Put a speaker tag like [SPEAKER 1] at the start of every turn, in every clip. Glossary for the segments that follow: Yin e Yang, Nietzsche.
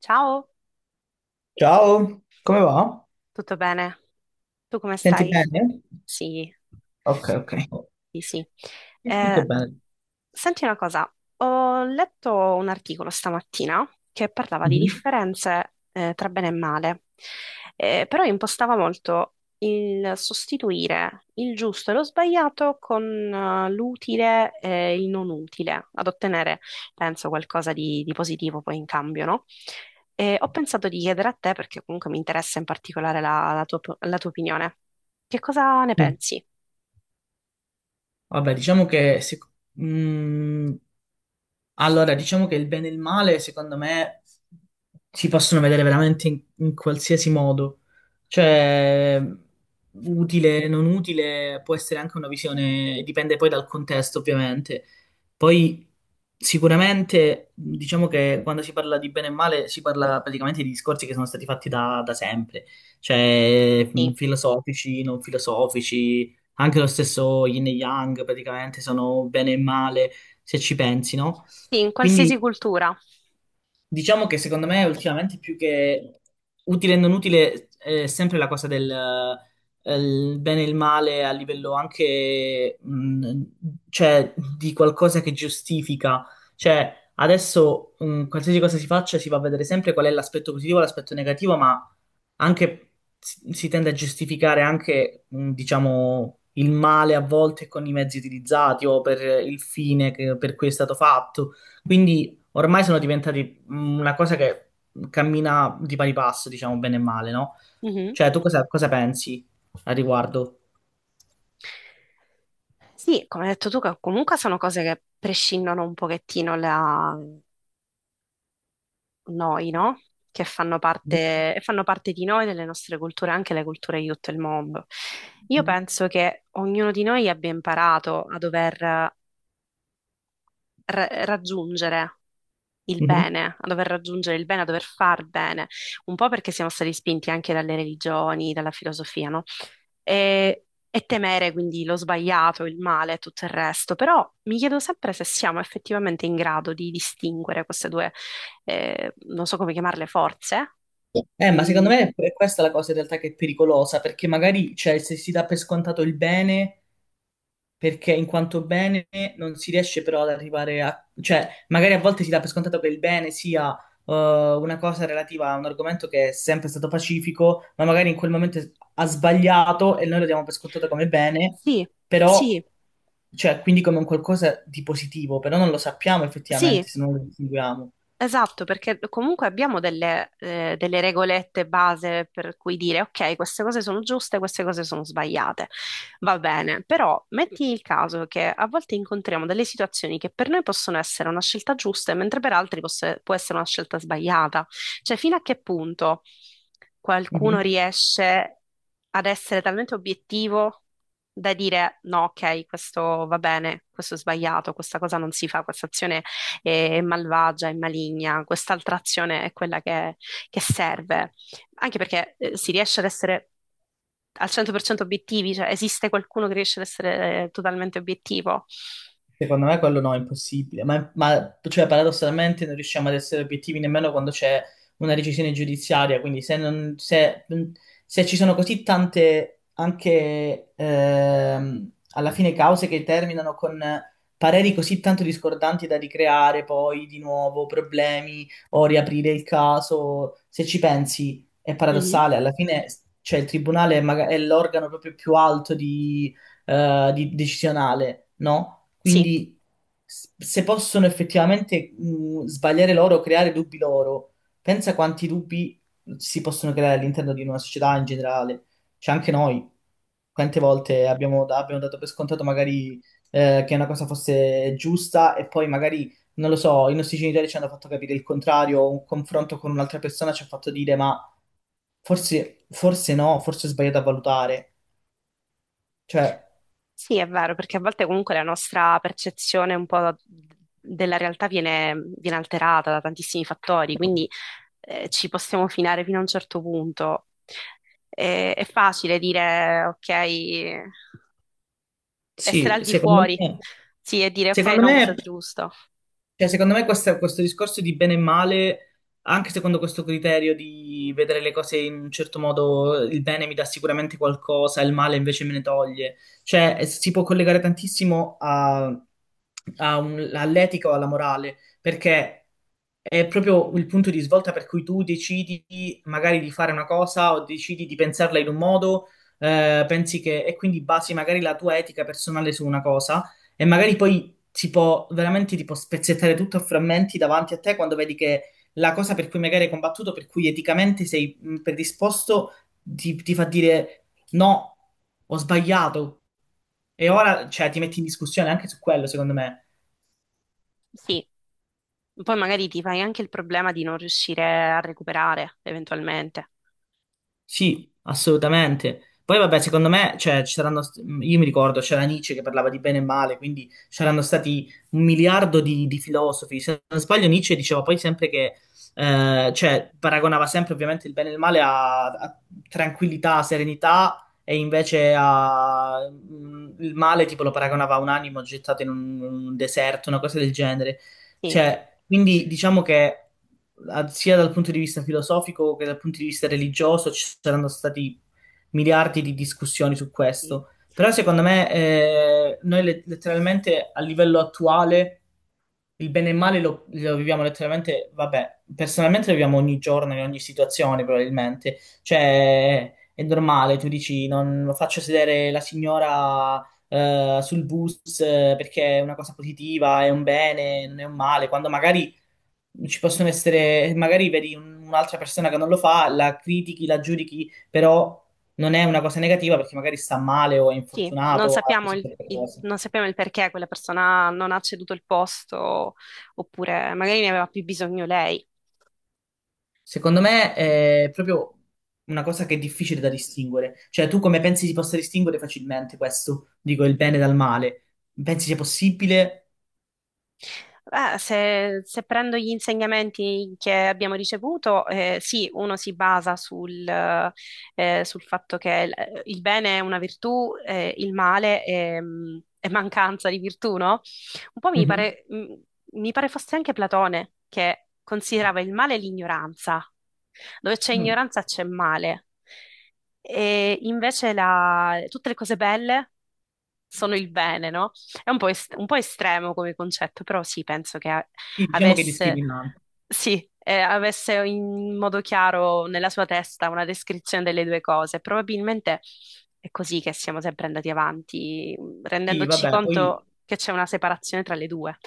[SPEAKER 1] Ciao,
[SPEAKER 2] Ciao, come va?
[SPEAKER 1] tutto bene? Tu come
[SPEAKER 2] Senti
[SPEAKER 1] stai?
[SPEAKER 2] bene?
[SPEAKER 1] Sì,
[SPEAKER 2] Ok, ok.
[SPEAKER 1] sì, sì.
[SPEAKER 2] Sì. Tutto
[SPEAKER 1] Eh,
[SPEAKER 2] bene.
[SPEAKER 1] senti una cosa, ho letto un articolo stamattina che parlava di
[SPEAKER 2] Mhm.
[SPEAKER 1] differenze tra bene e male. Però impostava molto il sostituire il giusto e lo sbagliato con l'utile e il non utile, ad ottenere, penso, qualcosa di positivo poi in cambio, no? E ho pensato di chiedere a te, perché comunque mi interessa in particolare la tua opinione, che cosa ne
[SPEAKER 2] Sì.
[SPEAKER 1] pensi?
[SPEAKER 2] Vabbè, diciamo che mm, allora, diciamo che il bene e il male, secondo me, si possono vedere veramente in qualsiasi modo. Cioè, utile, non utile, può essere anche una visione, dipende poi dal contesto, ovviamente. Poi, sicuramente, diciamo che quando si parla di bene e male, si parla praticamente di discorsi che sono stati fatti da sempre. Cioè,
[SPEAKER 1] Sì.
[SPEAKER 2] filosofici, non filosofici, anche lo stesso Yin e Yang, praticamente, sono bene e male, se ci pensi, no?
[SPEAKER 1] Sì, in
[SPEAKER 2] Quindi
[SPEAKER 1] qualsiasi cultura.
[SPEAKER 2] diciamo che secondo me ultimamente più che utile e non utile è sempre la cosa del il bene e il male a livello anche cioè, di qualcosa che giustifica. Cioè adesso qualsiasi cosa si faccia si va a vedere sempre qual è l'aspetto positivo e l'aspetto negativo, ma anche si tende a giustificare anche, diciamo, il male a volte con i mezzi utilizzati o per per cui è stato fatto. Quindi ormai sono diventati una cosa che cammina di pari passo, diciamo, bene e male, no?
[SPEAKER 1] Mhm.
[SPEAKER 2] Cioè, cosa pensi al riguardo?
[SPEAKER 1] Sì, come hai detto tu, che comunque sono cose che prescindono un pochettino da noi, no? Che fanno parte, e fanno parte di noi, delle nostre culture, anche le culture di tutto il mondo. Io penso che ognuno di noi abbia imparato a dover raggiungere il
[SPEAKER 2] Mhm.
[SPEAKER 1] bene, a dover raggiungere il bene, a dover far bene, un po' perché siamo stati spinti anche dalle religioni, dalla filosofia, no? E temere quindi lo sbagliato, il male e tutto il resto. Però mi chiedo sempre se siamo effettivamente in grado di distinguere queste due, non so come chiamarle, forze.
[SPEAKER 2] Ma secondo
[SPEAKER 1] Mm,
[SPEAKER 2] me è questa la cosa in realtà che è pericolosa, perché magari, cioè, se si dà per scontato il bene perché in quanto bene non si riesce però ad arrivare a... cioè magari a volte si dà per scontato che il bene sia eh, una cosa relativa a un argomento che è sempre stato pacifico, ma magari in quel momento ha sbagliato e noi lo diamo per scontato come bene,
[SPEAKER 1] sì,
[SPEAKER 2] però,
[SPEAKER 1] sì,
[SPEAKER 2] cioè, quindi come un qualcosa di positivo, però non lo sappiamo effettivamente
[SPEAKER 1] sì.
[SPEAKER 2] se non lo distinguiamo.
[SPEAKER 1] Esatto, perché comunque abbiamo delle regolette base per cui dire, ok, queste cose sono giuste, queste cose sono sbagliate. Va bene, però metti il caso che a volte incontriamo delle situazioni che per noi possono essere una scelta giusta, mentre per altri può essere una scelta sbagliata. Cioè, fino a che punto qualcuno riesce ad essere talmente obiettivo da dire, no, ok, questo va bene, questo è sbagliato, questa cosa non si fa, questa azione e malvagia e maligna. Quest'altra azione è quella che serve, anche perché si riesce ad essere al 100% obiettivi, cioè esiste qualcuno che riesce ad essere totalmente obiettivo?
[SPEAKER 2] Secondo me quello no, è impossibile, ma, cioè, paradossalmente non riusciamo ad essere obiettivi nemmeno quando c'è una decisione giudiziaria, quindi se, non- se- se ci sono così tante anche alla fine cause che terminano con pareri così tanto discordanti da ricreare poi di nuovo problemi o riaprire il caso, se ci pensi è
[SPEAKER 1] Mhm.
[SPEAKER 2] paradossale, alla fine cioè, il tribunale è è l'organo proprio più alto decisionale, no?
[SPEAKER 1] Sì,
[SPEAKER 2] Quindi se possono effettivamente sbagliare loro, creare dubbi loro, pensa quanti dubbi si possono creare all'interno di una società in generale. Cioè anche noi, quante volte abbiamo, abbiamo dato per scontato magari che una cosa fosse giusta e poi magari, non lo so, i nostri genitori ci hanno fatto capire il contrario, o un confronto con un'altra persona ci ha fatto dire ma forse no, forse ho sbagliato a valutare. Cioè,
[SPEAKER 1] sì, è vero, perché a volte comunque la nostra percezione un po' della realtà viene alterata da tantissimi fattori, quindi ci possiamo finare fino a un certo punto. È facile dire, ok, essere
[SPEAKER 2] sì,
[SPEAKER 1] al di
[SPEAKER 2] secondo
[SPEAKER 1] fuori,
[SPEAKER 2] me,
[SPEAKER 1] sì, e dire ok,
[SPEAKER 2] secondo
[SPEAKER 1] no, cosa
[SPEAKER 2] me
[SPEAKER 1] è giusto.
[SPEAKER 2] cioè, secondo me questo discorso di bene e male, anche secondo questo criterio di vedere le cose in un certo modo, il bene mi dà sicuramente qualcosa, il male invece me ne toglie. Cioè, si può collegare tantissimo all'etica o alla morale, perché è proprio il punto di svolta per cui tu decidi magari di fare una cosa o decidi di pensarla in un modo, pensi che, e quindi basi magari la tua etica personale su una cosa. E magari poi si può veramente tipo spezzettare tutto a frammenti davanti a te quando vedi che la cosa per cui magari hai combattuto, per cui eticamente sei predisposto, ti fa dire no, ho sbagliato. E ora, cioè, ti metti in discussione anche su quello, secondo me.
[SPEAKER 1] Sì, poi magari ti fai anche il problema di non riuscire a recuperare eventualmente.
[SPEAKER 2] Sì, assolutamente. Poi vabbè, secondo me, cioè, io mi ricordo, c'era Nietzsche che parlava di bene e male, quindi c'erano stati un miliardo di filosofi. Se non sbaglio, Nietzsche diceva poi sempre che, cioè, paragonava sempre ovviamente il bene e il male a tranquillità, serenità, e invece a, il male tipo lo paragonava a un animo gettato in un deserto, una cosa del genere.
[SPEAKER 1] Sì,
[SPEAKER 2] Cioè, quindi diciamo che sia dal punto di vista filosofico che dal punto di vista religioso ci saranno stati miliardi di discussioni su
[SPEAKER 1] sì,
[SPEAKER 2] questo. Però secondo me letteralmente a livello attuale il bene e il male lo viviamo letteralmente, vabbè, personalmente lo viviamo ogni giorno, in ogni situazione probabilmente. Cioè, è normale, tu dici, non faccio sedere la signora sul bus perché è una cosa positiva, è un bene, non è un male, quando magari ci possono essere, magari vedi un'altra persona che non lo fa, la critichi, la giudichi, però non è una cosa negativa perché magari sta male o è
[SPEAKER 1] sì. Non
[SPEAKER 2] infortunato, o ha
[SPEAKER 1] sappiamo
[SPEAKER 2] così tante cose.
[SPEAKER 1] non sappiamo il perché quella persona non ha ceduto il posto oppure magari ne aveva più bisogno lei.
[SPEAKER 2] Secondo me è proprio una cosa che è difficile da distinguere. Cioè, tu come pensi si possa distinguere facilmente questo? Dico il bene dal male. Pensi sia possibile?
[SPEAKER 1] Beh, se prendo gli insegnamenti che abbiamo ricevuto, sì, uno si basa sul, sul fatto che il bene è una virtù, il male è mancanza di virtù, no? Un po' mi
[SPEAKER 2] Mhm.
[SPEAKER 1] pare, mm, mi pare fosse anche Platone che considerava il male l'ignoranza, dove c'è
[SPEAKER 2] Mm.
[SPEAKER 1] ignoranza c'è male. E invece tutte le cose belle sono il bene, no? È un po', un po' estremo come concetto, però sì, penso
[SPEAKER 2] Sì, diciamo che è
[SPEAKER 1] avesse,
[SPEAKER 2] discriminante.
[SPEAKER 1] sì, avesse in modo chiaro nella sua testa una descrizione delle due cose. Probabilmente è così che siamo sempre andati avanti,
[SPEAKER 2] Sì,
[SPEAKER 1] rendendoci
[SPEAKER 2] vabbè, poi
[SPEAKER 1] conto che c'è una separazione tra le due.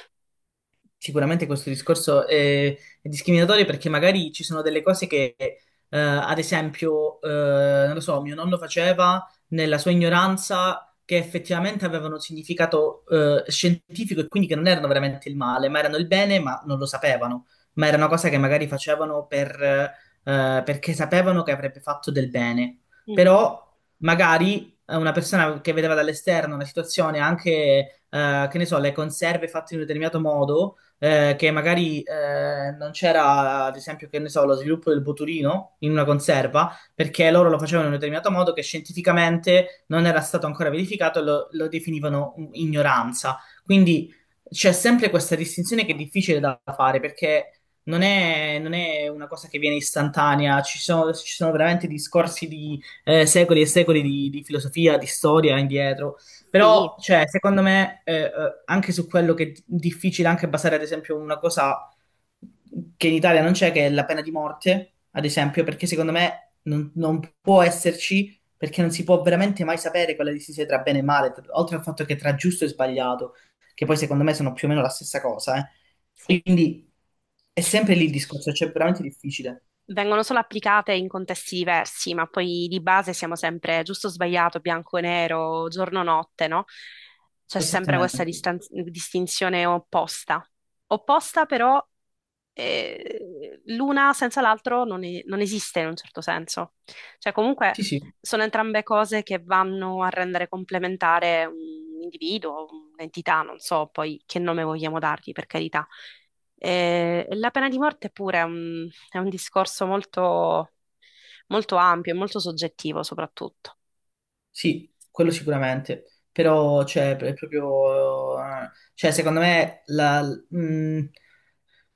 [SPEAKER 2] sicuramente questo discorso è discriminatorio perché magari ci sono delle cose che, ad esempio, non lo so, mio nonno faceva nella sua ignoranza che effettivamente avevano un significato, scientifico e quindi che non erano veramente il male, ma erano il bene, ma non lo sapevano. Ma era una cosa che magari facevano per, perché sapevano che avrebbe fatto del bene.
[SPEAKER 1] Mhm.
[SPEAKER 2] Però magari una persona che vedeva dall'esterno una situazione, anche, che ne so, le conserve fatte in un determinato modo che magari non c'era, ad esempio, che ne so, lo sviluppo del botulino in una conserva, perché loro lo facevano in un determinato modo che scientificamente non era stato ancora verificato e lo definivano ignoranza. Quindi c'è sempre questa distinzione che è difficile da fare perché non è una cosa che viene istantanea, ci sono veramente discorsi di secoli e secoli di filosofia, di storia indietro.
[SPEAKER 1] Sì,
[SPEAKER 2] Però, cioè, secondo me, anche su quello che è difficile anche basare, ad esempio, una cosa che in Italia non c'è, che è la pena di morte, ad esempio, perché secondo me non può esserci, perché non si può veramente mai sapere quella distinzione tra bene e male, oltre al fatto che tra giusto e sbagliato, che poi secondo me sono più o meno la stessa cosa, eh.
[SPEAKER 1] sì.
[SPEAKER 2] Quindi è sempre lì il discorso, cioè è veramente difficile.
[SPEAKER 1] Vengono solo applicate in contesti diversi, ma poi di base siamo sempre giusto o sbagliato, bianco e nero, giorno o notte, no? C'è sempre questa
[SPEAKER 2] Esattamente.
[SPEAKER 1] distinzione opposta. Opposta però l'una senza l'altro non esiste in un certo senso. Cioè, comunque
[SPEAKER 2] Sì, sì.
[SPEAKER 1] sono entrambe cose che vanno a rendere complementare un individuo, un'entità, non so poi che nome vogliamo dargli, per carità. La pena di morte pure è un discorso molto, molto ampio e molto soggettivo, soprattutto.
[SPEAKER 2] Sì, quello sicuramente, però cioè, è proprio, cioè, mh,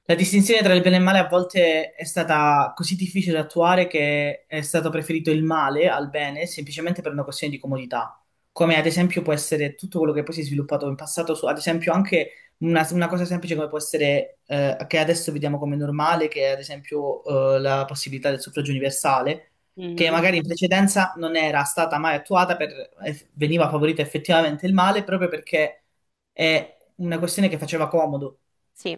[SPEAKER 2] la distinzione tra il bene e il male a volte è stata così difficile da attuare che è stato preferito il male al bene semplicemente per una questione di comodità, come ad esempio può essere tutto quello che poi si è sviluppato in passato, su, ad esempio anche una cosa semplice come può essere, che adesso vediamo come normale, che è ad esempio, la possibilità del suffragio universale, che magari in precedenza non era stata mai attuata, per, veniva favorito effettivamente il male proprio perché è una questione che faceva comodo.
[SPEAKER 1] Sì,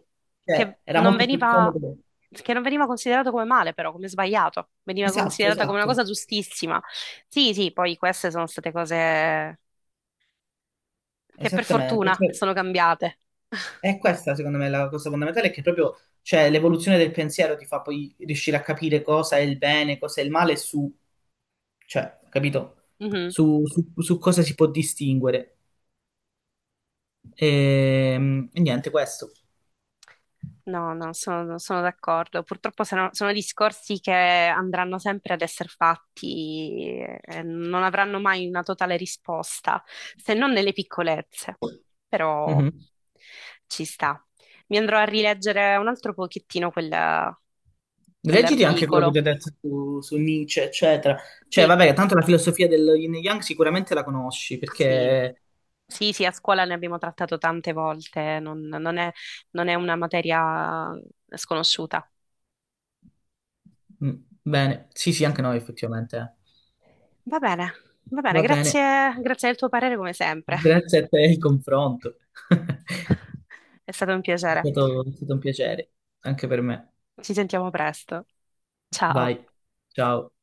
[SPEAKER 1] che
[SPEAKER 2] Cioè, era
[SPEAKER 1] non
[SPEAKER 2] molto più
[SPEAKER 1] veniva,
[SPEAKER 2] comodo.
[SPEAKER 1] che non veniva considerato come male, però, come sbagliato, veniva
[SPEAKER 2] Esatto,
[SPEAKER 1] considerata come una
[SPEAKER 2] esatto,
[SPEAKER 1] cosa giustissima. Sì, sì, poi queste sono state cose che per
[SPEAKER 2] esattamente.
[SPEAKER 1] fortuna
[SPEAKER 2] Cioè,
[SPEAKER 1] sono cambiate.
[SPEAKER 2] è questa, secondo me, la cosa fondamentale, è che proprio, cioè, l'evoluzione del pensiero ti fa poi riuscire a capire cosa è il bene, cosa è il male, su, cioè, capito?
[SPEAKER 1] Mhm.
[SPEAKER 2] Su cosa si può distinguere. E, niente, questo.
[SPEAKER 1] No, no, sono, sono d'accordo. Purtroppo sono, sono discorsi che andranno sempre ad essere fatti e non avranno mai una totale risposta, se non nelle piccolezze. Però
[SPEAKER 2] Mhm.
[SPEAKER 1] ci sta. Mi andrò a rileggere un altro pochettino
[SPEAKER 2] Leggiti anche quello che ti
[SPEAKER 1] quell'articolo.
[SPEAKER 2] ho detto su Nietzsche, eccetera. Cioè,
[SPEAKER 1] Sì,
[SPEAKER 2] vabbè, tanto la filosofia del Yin e Yang sicuramente la conosci,
[SPEAKER 1] sì,
[SPEAKER 2] perché...
[SPEAKER 1] sì, sì, a scuola ne abbiamo trattato tante volte, non è non è una materia sconosciuta.
[SPEAKER 2] mm, bene, sì, sì, anche noi, effettivamente. Eh.
[SPEAKER 1] Va bene, va bene,
[SPEAKER 2] Va bene.
[SPEAKER 1] grazie, grazie del tuo parere come sempre.
[SPEAKER 2] Grazie a te il confronto.
[SPEAKER 1] È stato un piacere.
[SPEAKER 2] È stato un piacere, anche per me.
[SPEAKER 1] Ci sentiamo presto. Ciao.
[SPEAKER 2] Vai, ciao.